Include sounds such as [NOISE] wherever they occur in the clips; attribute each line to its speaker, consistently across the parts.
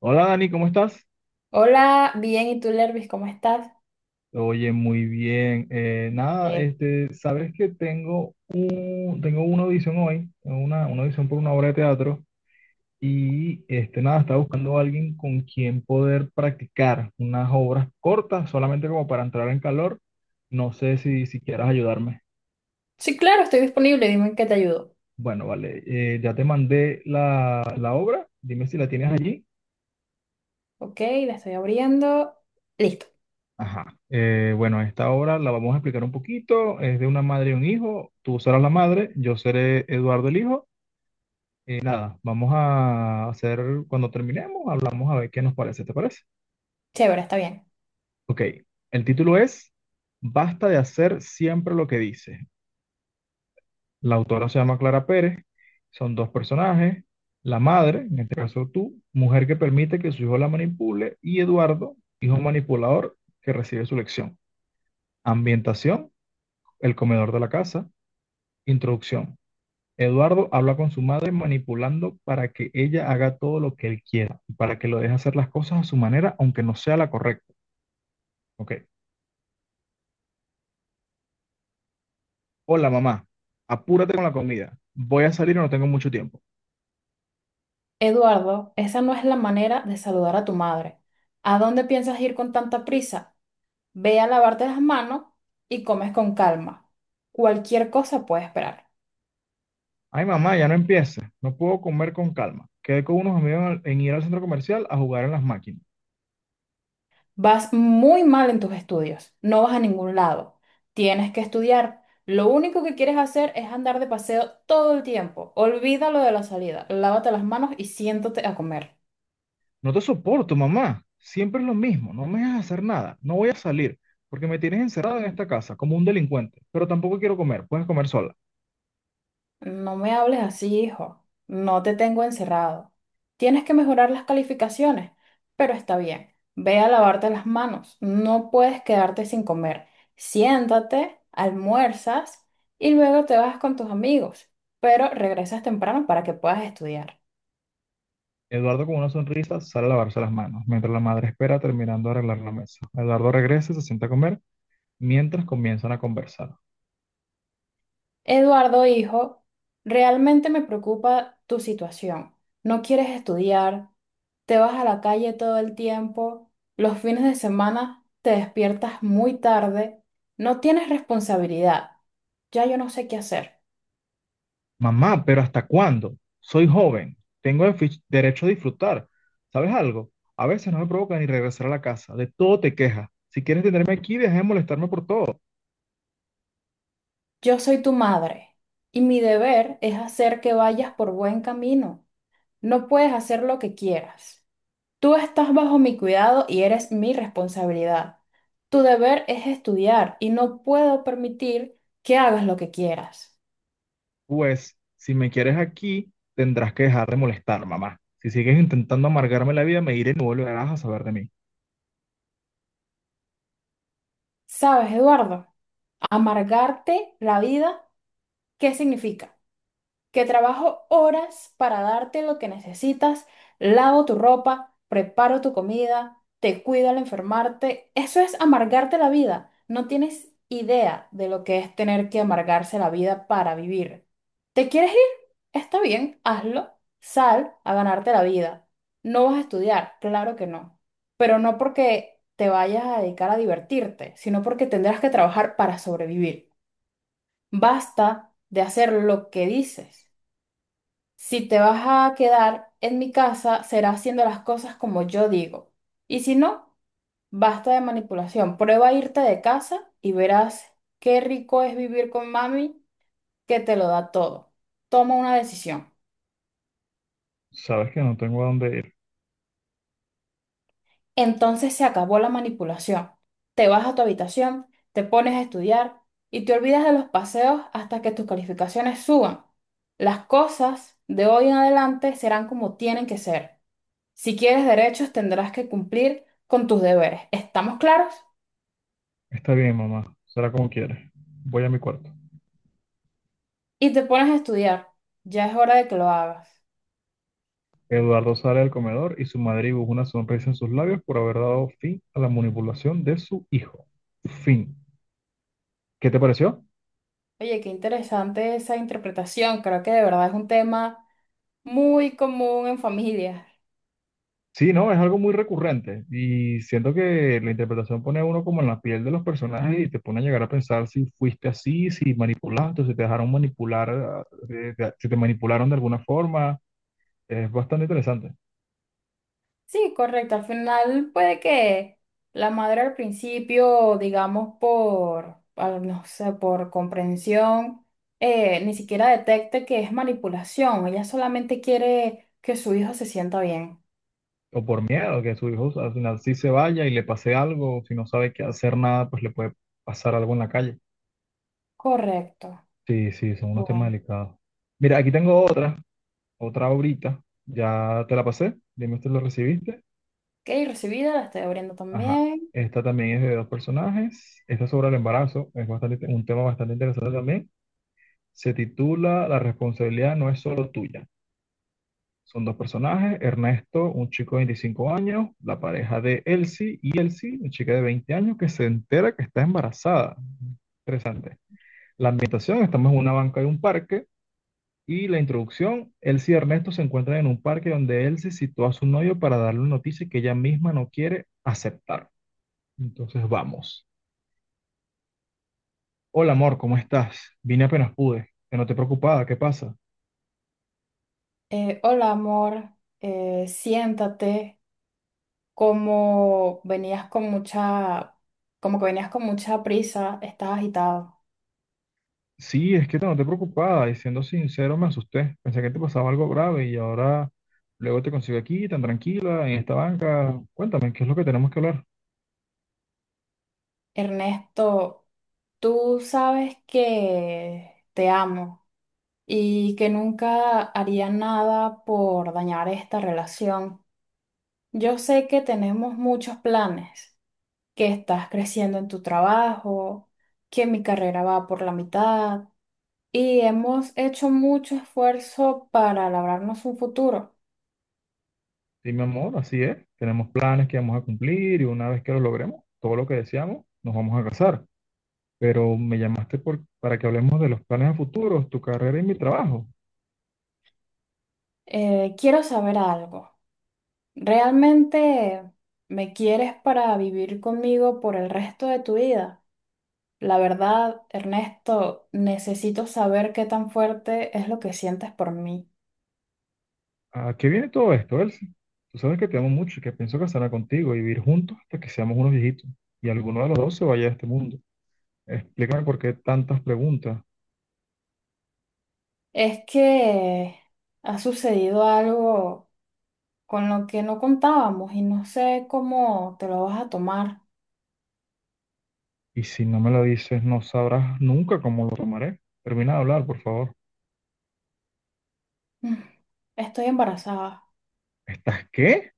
Speaker 1: Hola Dani, ¿cómo estás?
Speaker 2: Hola, bien, ¿y tú, Lervis, cómo estás?
Speaker 1: Oye, muy bien. Nada,
Speaker 2: Eh,
Speaker 1: este, sabes que tengo una audición hoy, tengo una audición por una obra de teatro y este, nada, estaba buscando a alguien con quien poder practicar unas obras cortas, solamente como para entrar en calor. No sé si quieras ayudarme.
Speaker 2: sí, claro, estoy disponible, dime en qué te ayudo.
Speaker 1: Bueno, vale, ya te mandé la obra, dime si la tienes allí.
Speaker 2: Ok, la estoy abriendo. Listo,
Speaker 1: Ajá. Bueno, esta obra la vamos a explicar un poquito. Es de una madre y un hijo. Tú serás la madre, yo seré Eduardo el hijo. Nada, vamos a hacer, cuando terminemos, hablamos a ver qué nos parece. ¿Te parece?
Speaker 2: chévere, está bien.
Speaker 1: Ok. El título es Basta de hacer siempre lo que dice. La autora se llama Clara Pérez. Son dos personajes. La madre, en este caso tú, mujer que permite que su hijo la manipule, y Eduardo, hijo manipulador que recibe su lección. Ambientación, el comedor de la casa. Introducción. Eduardo habla con su madre manipulando para que ella haga todo lo que él quiera y para que lo deje hacer las cosas a su manera, aunque no sea la correcta. Ok. Hola, mamá. Apúrate con la comida. Voy a salir y no tengo mucho tiempo.
Speaker 2: Eduardo, esa no es la manera de saludar a tu madre. ¿A dónde piensas ir con tanta prisa? Ve a lavarte las manos y comes con calma. Cualquier cosa puede esperar.
Speaker 1: Ay, mamá, ya no empieces. No puedo comer con calma. Quedé con unos amigos en ir al centro comercial a jugar en las máquinas.
Speaker 2: Vas muy mal en tus estudios, no vas a ningún lado. Tienes que estudiar. Lo único que quieres hacer es andar de paseo todo el tiempo. Olvídalo de la salida. Lávate las manos y siéntate a comer.
Speaker 1: No te soporto, mamá. Siempre es lo mismo. No me dejas hacer nada. No voy a salir porque me tienes encerrado en esta casa como un delincuente. Pero tampoco quiero comer. Puedes comer sola.
Speaker 2: No me hables así, hijo. No te tengo encerrado. Tienes que mejorar las calificaciones, pero está bien. Ve a lavarte las manos. No puedes quedarte sin comer. Siéntate, almuerzas y luego te vas con tus amigos, pero regresas temprano para que puedas estudiar.
Speaker 1: Eduardo con una sonrisa sale a lavarse las manos, mientras la madre espera terminando de arreglar la mesa. Eduardo regresa y se sienta a comer mientras comienzan a conversar.
Speaker 2: Eduardo, hijo, realmente me preocupa tu situación. No quieres estudiar, te vas a la calle todo el tiempo, los fines de semana te despiertas muy tarde, no tienes responsabilidad. Ya yo no sé qué hacer.
Speaker 1: Mamá, pero ¿hasta cuándo? Soy joven, tengo el derecho a disfrutar. ¿Sabes algo? A veces no me provoca ni regresar a la casa, de todo te quejas. Si quieres tenerme aquí, deja de molestarme por todo.
Speaker 2: Yo soy tu madre y mi deber es hacer que vayas por buen camino. No puedes hacer lo que quieras. Tú estás bajo mi cuidado y eres mi responsabilidad. Tu deber es estudiar y no puedo permitir que hagas lo que quieras.
Speaker 1: Pues, si me quieres aquí, tendrás que dejar de molestar, mamá. Si sigues intentando amargarme la vida, me iré y no volverás a saber de mí.
Speaker 2: ¿Sabes, Eduardo? Amargarte la vida, ¿qué significa? Que trabajo horas para darte lo que necesitas, lavo tu ropa, preparo tu comida, te cuido al enfermarte. Eso es amargarte la vida. No tienes idea de lo que es tener que amargarse la vida para vivir. ¿Te quieres ir? Está bien, hazlo. Sal a ganarte la vida. No vas a estudiar, claro que no. Pero no porque te vayas a dedicar a divertirte, sino porque tendrás que trabajar para sobrevivir. Basta de hacer lo que dices. Si te vas a quedar en mi casa, será haciendo las cosas como yo digo. Y si no, basta de manipulación. Prueba a irte de casa y verás qué rico es vivir con mami, que te lo da todo. Toma una decisión.
Speaker 1: Sabes que no tengo a dónde ir.
Speaker 2: Entonces se acabó la manipulación. Te vas a tu habitación, te pones a estudiar y te olvidas de los paseos hasta que tus calificaciones suban. Las cosas de hoy en adelante serán como tienen que ser. Si quieres derechos, tendrás que cumplir con tus deberes. ¿Estamos claros?
Speaker 1: Está bien, mamá, será como quieres. Voy a mi cuarto.
Speaker 2: Y te pones a estudiar. Ya es hora de que lo hagas.
Speaker 1: Eduardo sale del comedor y su madre dibuja una sonrisa en sus labios por haber dado fin a la manipulación de su hijo. Fin. ¿Qué te pareció?
Speaker 2: Oye, qué interesante esa interpretación. Creo que de verdad es un tema muy común en familias.
Speaker 1: Sí, no, es algo muy recurrente y siento que la interpretación pone a uno como en la piel de los personajes y te pone a llegar a pensar si fuiste así, si manipulaste, si te dejaron manipular, si te manipularon de alguna forma. Es bastante interesante.
Speaker 2: Sí, correcto. Al final puede que la madre al principio, digamos, por, no sé, por comprensión, ni siquiera detecte que es manipulación. Ella solamente quiere que su hijo se sienta bien.
Speaker 1: O por miedo que su hijo al final sí se vaya y le pase algo, o si no sabe qué hacer nada, pues le puede pasar algo en la calle.
Speaker 2: Correcto.
Speaker 1: Sí, sí, son unos temas
Speaker 2: Bueno.
Speaker 1: delicados. Mira, aquí tengo otra ahorita. Ya te la pasé, dime si lo recibiste.
Speaker 2: Ok, recibida, la estoy abriendo
Speaker 1: Ajá.
Speaker 2: también.
Speaker 1: Esta también es de dos personajes. Esta es sobre el embarazo, es bastante, un tema bastante interesante también. Se titula La responsabilidad no es solo tuya. Son dos personajes, Ernesto, un chico de 25 años, la pareja de Elsie y Elsie, una chica de 20 años que se entera que está embarazada. Interesante. La ambientación, estamos en una banca de un parque y la introducción, Elsie y Ernesto se encuentran en un parque donde Elsie sitúa a su novio para darle una noticia que ella misma no quiere aceptar. Entonces vamos. Hola amor, ¿cómo estás? Vine apenas pude. Que no te preocupaba, ¿qué pasa?
Speaker 2: Hola, amor. Siéntate. Como venías con mucha, Como que venías con mucha prisa, estás agitado.
Speaker 1: Sí, es que no te noté preocupada y siendo sincero me asusté. Pensé que te pasaba algo grave y ahora luego te consigo aquí tan tranquila en esta banca. Cuéntame, ¿qué es lo que tenemos que hablar?
Speaker 2: Ernesto, tú sabes que te amo y que nunca haría nada por dañar esta relación. Yo sé que tenemos muchos planes, que estás creciendo en tu trabajo, que mi carrera va por la mitad y hemos hecho mucho esfuerzo para labrarnos un futuro.
Speaker 1: Sí, mi amor, así es. Tenemos planes que vamos a cumplir y una vez que lo logremos, todo lo que deseamos, nos vamos a casar. Pero para que hablemos de los planes a futuros, tu carrera y mi trabajo.
Speaker 2: Quiero saber algo. ¿Realmente me quieres para vivir conmigo por el resto de tu vida? La verdad, Ernesto, necesito saber qué tan fuerte es lo que sientes por mí.
Speaker 1: ¿A qué viene todo esto, Elsie? Tú sabes que te amo mucho y que pienso casarme contigo y vivir juntos hasta que seamos unos viejitos y alguno de los dos se vaya de este mundo. Explícame por qué tantas preguntas.
Speaker 2: Es que ha sucedido algo con lo que no contábamos y no sé cómo te lo vas a tomar.
Speaker 1: Y si no me lo dices, no sabrás nunca cómo lo tomaré. Termina de hablar, por favor.
Speaker 2: Mm, Estoy embarazada.
Speaker 1: ¿Estás qué?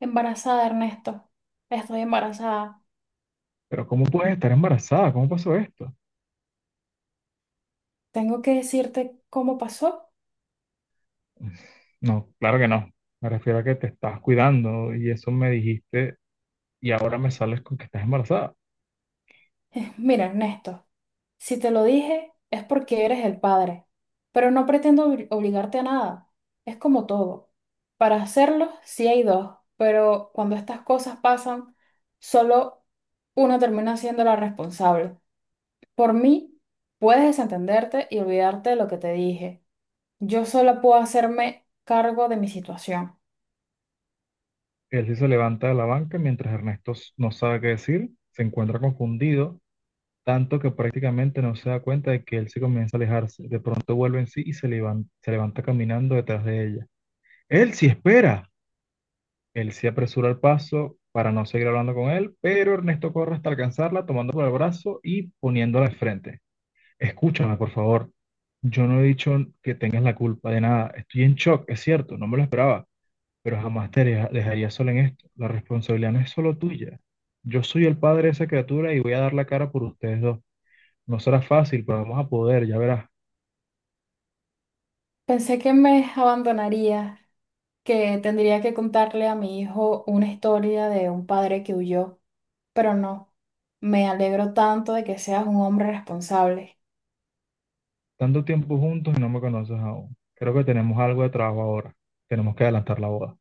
Speaker 2: Embarazada, Ernesto. Estoy embarazada.
Speaker 1: ¿Pero cómo puedes estar embarazada? ¿Cómo pasó esto?
Speaker 2: Tengo que decirte cómo pasó.
Speaker 1: No, claro que no. Me refiero a que te estás cuidando y eso me dijiste y ahora me sales con que estás embarazada.
Speaker 2: [LAUGHS] Mira, Ernesto, si te lo dije es porque eres el padre, pero no pretendo obligarte a nada. Es como todo. Para hacerlo, sí hay dos, pero cuando estas cosas pasan, solo uno termina siendo la responsable. Por mí, puedes desentenderte y olvidarte de lo que te dije. Yo solo puedo hacerme cargo de mi situación.
Speaker 1: Él sí se levanta de la banca mientras Ernesto no sabe qué decir, se encuentra confundido, tanto que prácticamente no se da cuenta de que él se comienza a alejarse. De pronto vuelve en sí y se se levanta caminando detrás de ella. Él sí espera. Él se apresuró al paso para no seguir hablando con él, pero Ernesto corre hasta alcanzarla, tomándola por el brazo y poniéndola de frente. Escúchame, por favor. Yo no he dicho que tengas la culpa de nada. Estoy en shock, es cierto, no me lo esperaba, pero jamás te dejaría sola en esto. La responsabilidad no es solo tuya. Yo soy el padre de esa criatura y voy a dar la cara por ustedes dos. No será fácil, pero vamos a poder, ya verás.
Speaker 2: Pensé que me abandonarías, que tendría que contarle a mi hijo una historia de un padre que huyó, pero no, me alegro tanto de que seas un hombre responsable.
Speaker 1: Tanto tiempo juntos y no me conoces aún. Creo que tenemos algo de trabajo ahora. Tenemos que adelantar la boda.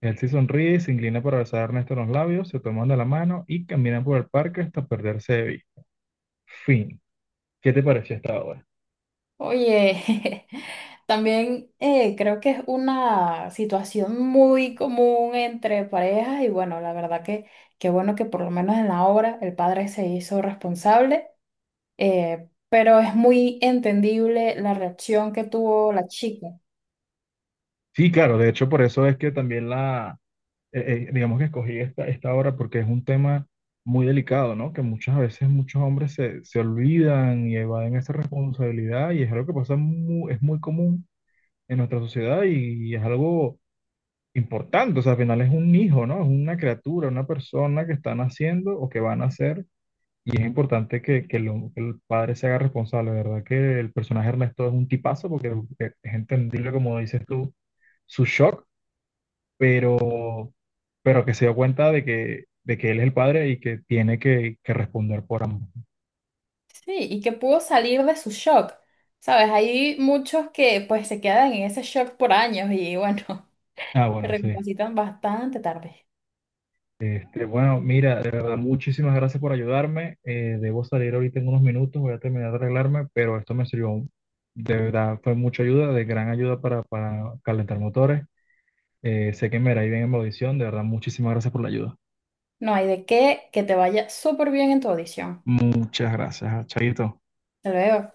Speaker 1: Él sí sonríe y se inclina para besar a Ernesto en los labios, se toman de la mano y caminan por el parque hasta perderse de vista. Fin. ¿Qué te pareció esta obra?
Speaker 2: Oye, [LAUGHS] también, creo que es una situación muy común entre parejas y bueno, la verdad que qué bueno que por lo menos en la obra el padre se hizo responsable, pero es muy entendible la reacción que tuvo la chica.
Speaker 1: Sí, claro, de hecho por eso es que también digamos que escogí esta obra porque es un tema muy delicado, ¿no? Que muchas veces muchos hombres se olvidan y evaden esa responsabilidad y es algo que pasa muy, es muy común en nuestra sociedad y, es algo importante, o sea, al final es un hijo, ¿no? Es una criatura, una persona que está naciendo o que va a nacer. Y es importante que el padre se haga responsable, ¿verdad? Que el personaje Ernesto es un tipazo porque es entendible, como dices tú, su shock, pero, pero que se dio cuenta de que él es el padre y que que responder por ambos.
Speaker 2: Sí, y que pudo salir de su shock. Sabes, hay muchos que pues se quedan en ese shock por años y bueno,
Speaker 1: Ah,
Speaker 2: [LAUGHS]
Speaker 1: bueno, sí.
Speaker 2: recapacitan bastante tarde.
Speaker 1: Este, bueno, mira, de verdad, muchísimas gracias por ayudarme. Debo salir ahorita en unos minutos, voy a terminar de arreglarme, pero esto me sirvió, de verdad, fue mucha ayuda, de gran ayuda para calentar motores. Sé que me irá bien en mi audición. De verdad, muchísimas gracias por la ayuda.
Speaker 2: No hay de qué, que te vaya súper bien en tu audición.
Speaker 1: Muchas gracias, Chaito.
Speaker 2: Hasta luego.